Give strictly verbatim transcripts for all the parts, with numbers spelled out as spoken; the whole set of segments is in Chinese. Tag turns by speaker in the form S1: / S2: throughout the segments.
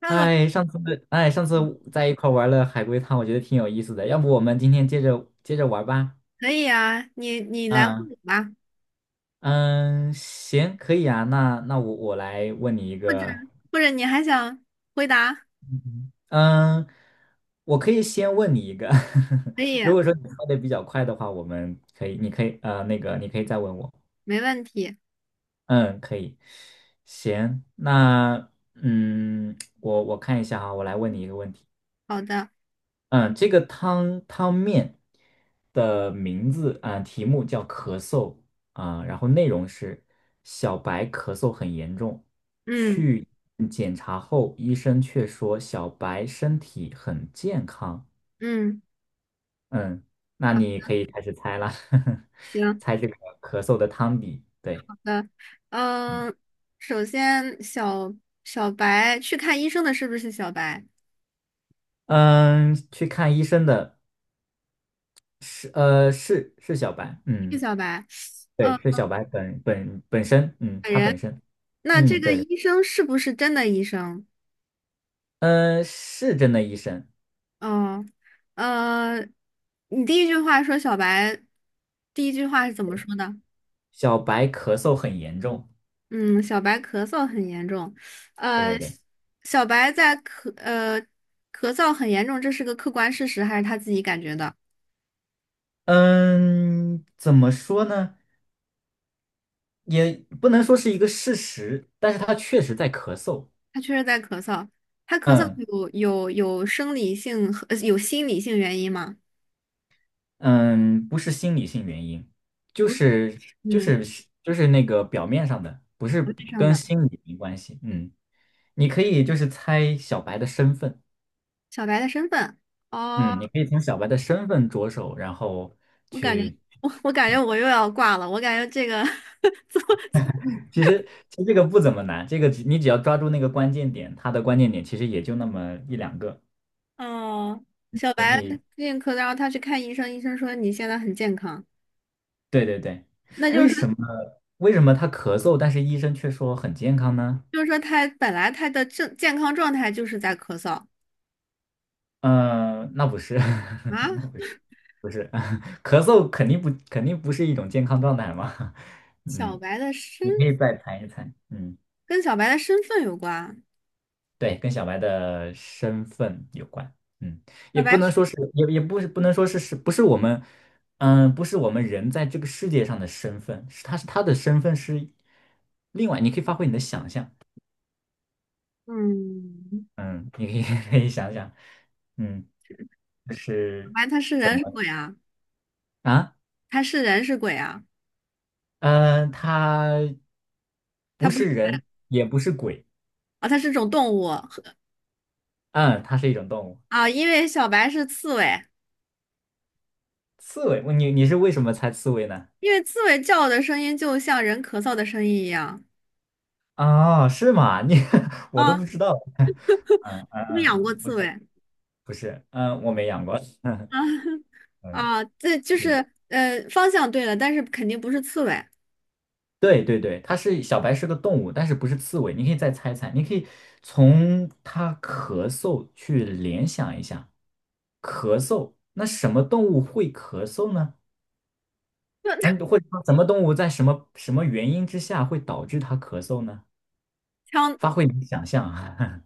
S1: Hello，
S2: 嗨，上次哎，上次在一块玩了海龟汤，我觉得挺有意思的。要不我们今天接着接着玩吧？
S1: 可以啊，你你来问
S2: 嗯
S1: 我吧，
S2: 嗯，行，可以啊。那那我我来问你一
S1: 或者
S2: 个，
S1: 或者你还想回答，
S2: 嗯，我可以先问你一个。
S1: 可以，
S2: 如果说你说的比较快的话，我们可以，你可以呃，那个你可以再问我。
S1: 没问题。
S2: 嗯，可以。行，那嗯，我我看一下哈，我来问你一个问题。
S1: 好的，
S2: 嗯，这个汤汤面的名字啊，题目叫咳嗽啊，然后内容是小白咳嗽很严重，
S1: 嗯
S2: 去检查后，医生却说小白身体很健康。
S1: 嗯，
S2: 嗯，那
S1: 好，
S2: 你可以开始猜了，
S1: 行，
S2: 猜这个咳嗽的汤底。对，
S1: 好的，
S2: 嗯，
S1: 嗯，首先小小白去看医生的是不是小白？
S2: 嗯，去看医生的是呃是是小白，
S1: 是
S2: 嗯，
S1: 小白，
S2: 对，
S1: 嗯，
S2: 是小白本本本身，嗯，
S1: 本
S2: 他
S1: 人。
S2: 本身，
S1: 那这
S2: 嗯，
S1: 个
S2: 对。
S1: 医生是不是真的医生？
S2: 嗯，是真的医生。
S1: 嗯，嗯，你第一句话说小白，第一句话是怎么说的？
S2: 小白咳嗽很严重，
S1: 嗯，小白咳嗽很严重，
S2: 对对
S1: 呃，
S2: 对。
S1: 小白在咳呃咳嗽很严重，这是个客观事实还是他自己感觉的？
S2: 嗯，怎么说呢？也不能说是一个事实，但是他确实在咳嗽。
S1: 他确实在咳嗽，他咳嗽
S2: 嗯
S1: 有有有生理性和呃有心理性原因吗？
S2: 嗯，不是心理性原因，就
S1: 不是，
S2: 是就
S1: 嗯，
S2: 是就是那个表面上的，不是
S1: 不是上
S2: 跟
S1: 的。
S2: 心理没关系。嗯，你可以就是猜小白的身份。
S1: 小白的身份哦，
S2: 嗯，你可以从小白的身份着手，然后
S1: 我感觉
S2: 去。
S1: 我我感觉我又要挂了，我感觉这个 怎么
S2: 其实其实这个不怎么难，这个只你只要抓住那个关键点，它的关键点其实也就那么一两个，
S1: 哦，小
S2: 你
S1: 白
S2: 可以。
S1: 最近咳嗽，然后他去看医生，医生说你现在很健康，
S2: 对对对，
S1: 那就
S2: 为什
S1: 是
S2: 么为什么他咳嗽，但是医生却说很健康呢？
S1: 就是说他本来他的正健康状态就是在咳嗽
S2: 嗯、呃那不是，
S1: 啊。
S2: 那不是，不是，咳嗽肯定不肯定不是一种健康状态嘛。
S1: 小
S2: 嗯，
S1: 白的身
S2: 你可以再猜一猜。嗯。
S1: 跟小白的身份有关，
S2: 对，跟小白的身份有关。嗯，也
S1: 小白
S2: 不能
S1: 是
S2: 说是，也也不是，不能说是是不是我们，嗯，不是我们人在这个世界上的身份，是他是他的身份是另外，你可以发挥你的想象。
S1: 嗯，
S2: 嗯，你可以 可以想想，嗯，就
S1: 小
S2: 是
S1: 白他是人是鬼啊？
S2: 啊，
S1: 他是人是鬼啊？
S2: 嗯，他不
S1: 他不
S2: 是
S1: 是
S2: 人，
S1: 人
S2: 也不是鬼，
S1: 啊，他是种动物和
S2: 嗯，它是一种动物，
S1: 啊，因为小白是刺猬，
S2: 刺猬。你你是为什么猜刺猬呢？
S1: 因为刺猬叫的声音就像人咳嗽的声音一样
S2: 啊，是吗？你 我都不
S1: 啊。
S2: 知道。嗯嗯
S1: 你们养
S2: 嗯，
S1: 过
S2: 不
S1: 刺
S2: 是。
S1: 猬
S2: 不是，嗯，我没养过，
S1: 啊
S2: 嗯，
S1: 啊？这就是
S2: 是，
S1: 呃方向对了，但是肯定不是刺猬。
S2: 对对对，它是小白是个动物，但是不是刺猬，你可以再猜猜，你可以从它咳嗽去联想一下，咳嗽，那什么动物会咳嗽呢？
S1: 就
S2: 嗯，或者说什么动物在什么什么原因之下会导致它咳嗽呢？
S1: 强
S2: 发挥你的想象啊，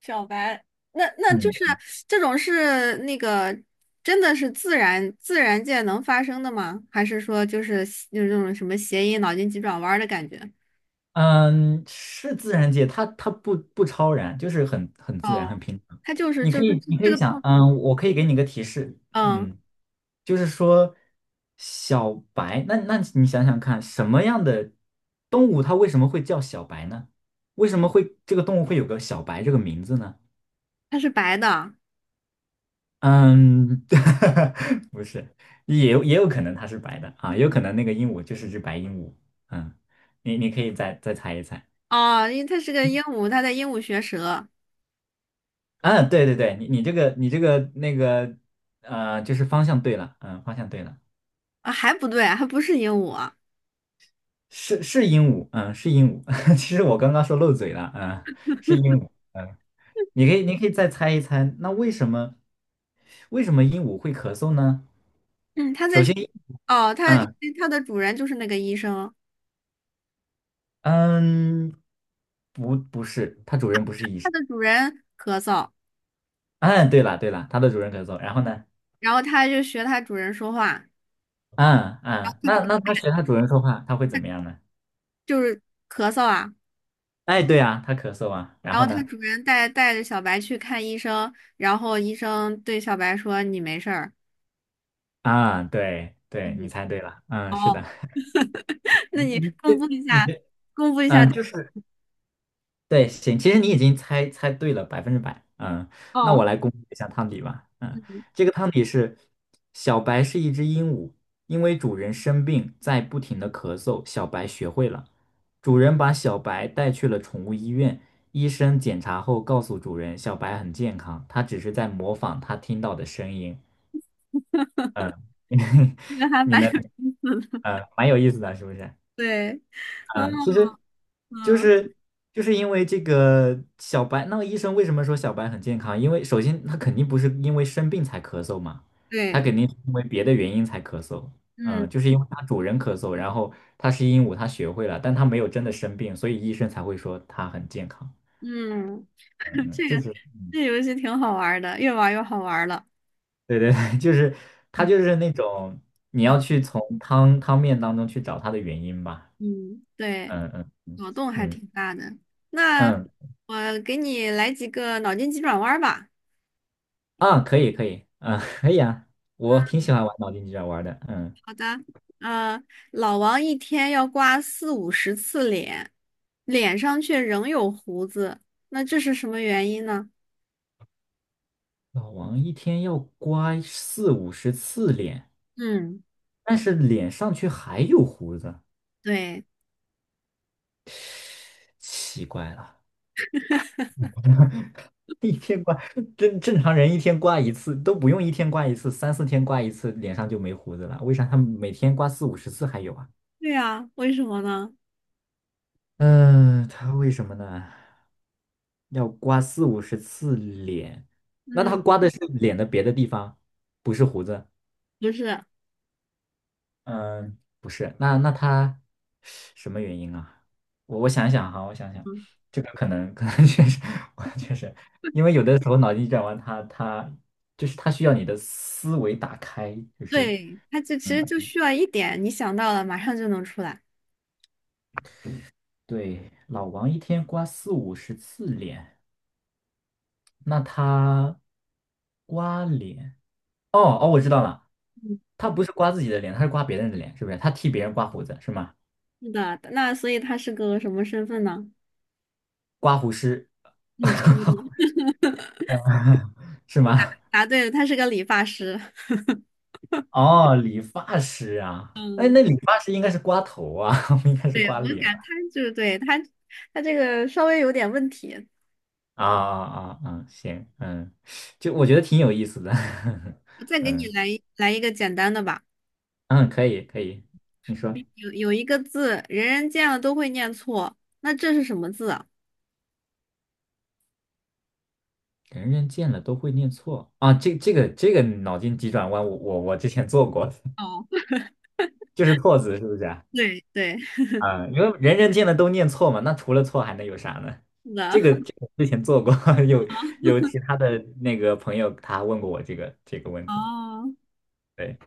S1: 小白，那 那就是
S2: 嗯。
S1: 这种是那个真的是自然自然界能发生的吗？还是说就是就是那种什么谐音脑筋急转弯儿的感觉？
S2: 嗯，是自然界，它它不不超然，就是很很自然，很
S1: 哦，
S2: 平常。
S1: 它就是
S2: 你
S1: 就
S2: 可
S1: 是
S2: 以
S1: 这
S2: 你可
S1: 这
S2: 以
S1: 个
S2: 想，
S1: 动物，
S2: 嗯，我可以给你个提示，
S1: 嗯，
S2: 嗯，就是说小白，那那你想想看，什么样的动物它为什么会叫小白呢？为什么会这个动物会有个小白这个名字呢？
S1: 它是白的
S2: 嗯，不是，也有也有可能它是白的啊，也有可能那个鹦鹉就是只白鹦鹉。嗯，你你可以再再猜一猜。
S1: 哦，因为它是个鹦鹉，它在鹦鹉学舌
S2: 啊，对对对，你你这个你这个那个呃，就是方向对了，嗯，方向对了，
S1: 啊，还不对，还不是鹦鹉啊
S2: 是是鹦鹉，嗯，是鹦鹉。其实我刚刚说漏嘴了，嗯，是鹦鹉，嗯，你可以你可以再猜一猜，那为什么为什么鹦鹉会咳嗽呢？
S1: 嗯，它
S2: 首
S1: 在
S2: 先，
S1: 学哦，它因
S2: 嗯
S1: 为它的主人就是那个医生，
S2: 嗯，不不是，它主人不是医
S1: 它
S2: 生。
S1: 的主人咳嗽，
S2: 嗯，对了对了，它的主人咳嗽，然后呢？
S1: 然后它就学它主人说话，
S2: 嗯嗯，那那它学它主人说话，它会怎么样呢？
S1: 就是咳嗽啊。
S2: 哎，对啊，它咳嗽啊，然
S1: 然
S2: 后
S1: 后他
S2: 呢？
S1: 主人带带着小白去看医生，然后医生对小白说：“你没事儿。”
S2: 啊，对对，你
S1: 嗯，
S2: 猜对了，嗯，是的，你
S1: 那你
S2: 你
S1: 公布一
S2: 你
S1: 下，
S2: 这，
S1: 公布 一下。
S2: 嗯，就是对，行，其实你已经猜猜对了百分之百，嗯，那我
S1: 哦，
S2: 来公布一下汤底吧，嗯，这个汤底是小白是一只鹦鹉，因为主人生病在不停的咳嗽，小白学会了，主人把小白带去了宠物医院，医生检查后告诉主人，小白很健康，它只是在模仿它听到的声音，嗯，
S1: 这个还
S2: 你
S1: 蛮
S2: 能，
S1: 有意思的。
S2: 嗯，蛮有意思的，是不是？
S1: 对，嗯
S2: 嗯，其实就
S1: 嗯，
S2: 是就是因为这个小白，那个医生为什么说小白很健康？因为首先他肯定不是因为生病才咳嗽嘛，他
S1: 对，
S2: 肯定是因为别的原因才咳嗽。嗯，
S1: 嗯
S2: 就是因为他主人咳嗽，然后他是鹦鹉，他学会了，但他没有真的生病，所以医生才会说他很健康。
S1: 嗯，
S2: 嗯，
S1: 这
S2: 就
S1: 个
S2: 是
S1: 这游戏挺好玩儿的，越玩儿越好玩儿了。
S2: 对对对，就是他就
S1: 嗯，
S2: 是那种你要
S1: 脑
S2: 去从汤汤面当中去找他的原因吧。
S1: 嗯对，
S2: 嗯嗯嗯
S1: 脑洞还
S2: 嗯
S1: 挺大的。那
S2: 嗯。
S1: 我给你来几个脑筋急转弯儿吧。
S2: 啊，可以可以，啊，可以啊，我挺喜欢玩脑筋急转弯的，嗯，
S1: 好的，嗯、老王一天要刮四五十次脸，脸上却仍有胡子，那这是什么原因呢？
S2: 老王一天要刮四五十次脸，
S1: 嗯，
S2: 但是脸上却还有胡子，
S1: 对，
S2: 奇怪了，一天刮，正正常人一天刮一次都不用一天刮一次，三四天刮一次脸上就没胡子了，为啥他每天刮四五十次还有啊？
S1: 对啊，为什么呢？
S2: 嗯，他为什么呢？要刮四五十次脸，那
S1: 嗯，
S2: 他刮的是脸的别的地方，不是胡子。
S1: 不是，
S2: 嗯，不是，那那他什么原因啊？我我想想哈，我想想，
S1: 嗯，
S2: 这个可能可能确实，我确实，因为有的时候脑筋急转弯他他就是他需要你的思维打开，就是
S1: 对，他就其实
S2: 嗯，
S1: 就需要一点，你想到了，马上就能出来。
S2: 对，老王一天刮四五十次脸，那他刮脸，哦哦，我知道了，
S1: 嗯，
S2: 他不是刮自己的脸，他是刮别人的脸，是不是？他替别人刮胡子是吗？
S1: 是的，那所以他是个什么身份呢？
S2: 刮胡师
S1: 嗯，差不多
S2: 是吗？
S1: 答对了，他是个理发师。
S2: 哦，理发师啊，哎，
S1: 嗯，
S2: 那理发师应该是刮头啊，不应该是
S1: 对，
S2: 刮
S1: 我
S2: 脸
S1: 感
S2: 吧
S1: 他就是对他，他这个稍微有点问题。
S2: 啊啊啊！啊行，嗯，就我觉得挺有意思的，
S1: 我再 给你
S2: 嗯
S1: 来一来一个简单的吧。
S2: 嗯，可以可以，你说
S1: 有有一个字，人人见了都会念错，那这是什么字啊？
S2: 人人见了都会念错啊？这这个这个脑筋急转弯我，我我之前做过，
S1: 哦，
S2: 就是错字是不是啊？
S1: 对对，
S2: 啊，因为人人见了都念错嘛，那除了错还能有啥呢？
S1: 是的。
S2: 这个 这个之前做过，有有其他的那个朋友他问过我这个这个问题。
S1: 哦，
S2: 对，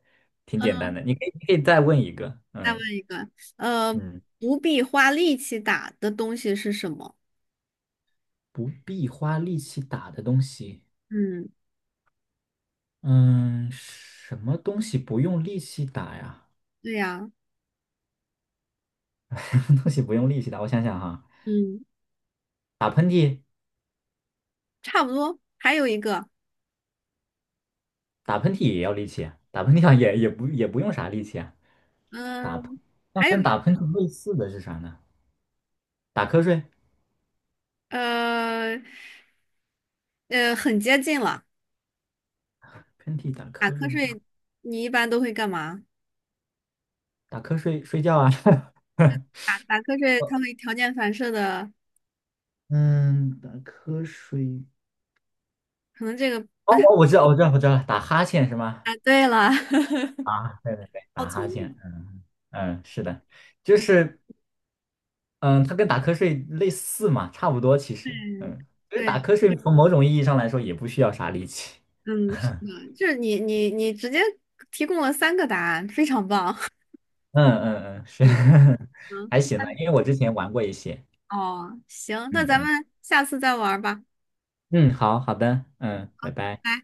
S2: 挺简单
S1: 嗯，
S2: 的。你可以，你可以再问一个，
S1: 再问
S2: 嗯
S1: 一个，呃，
S2: 嗯，
S1: 不必花力气打的东西是什么？
S2: 不必花力气打的东西，
S1: 嗯，
S2: 嗯，什么东西不用力气打呀？
S1: 对呀，
S2: 什么东西不用力气打？我想想哈，
S1: 嗯，
S2: 打喷嚏，
S1: 差不多。还有一个，
S2: 打喷嚏也要力气啊，打喷嚏好像也也不也不用啥力气啊。打喷，
S1: 嗯，
S2: 那
S1: 还有
S2: 跟
S1: 一
S2: 打喷嚏类似的是啥呢？打瞌睡，
S1: 呃呃，很接近了。
S2: 喷嚏打
S1: 打
S2: 瞌
S1: 瞌
S2: 睡是啥？
S1: 睡，你一般都会干嘛？
S2: 打瞌睡睡觉啊。
S1: 打打瞌睡，它会条件反射的，
S2: 嗯，打瞌睡。
S1: 可能这个
S2: 哦，
S1: 不太
S2: 我我知道，我知道，我知道了，打哈欠是吗？
S1: 啊。对了，
S2: 啊，对对对，打哈欠，嗯嗯，是的，就是，嗯，它跟打瞌睡类似嘛，差不多其实，
S1: 嗯，
S2: 嗯，其实
S1: 对，
S2: 打瞌睡从某种意义上来说也不需要啥力气，
S1: 嗯，是的，就是你你你直接提供了三个答案，非常棒。
S2: 嗯嗯嗯，是，
S1: 嗯，
S2: 还行了，
S1: 行，
S2: 因为我之前玩过一些，
S1: 哦，行，那
S2: 嗯
S1: 咱
S2: 嗯
S1: 们下次再玩儿吧。
S2: 嗯，好好的，嗯，拜拜。
S1: 拜。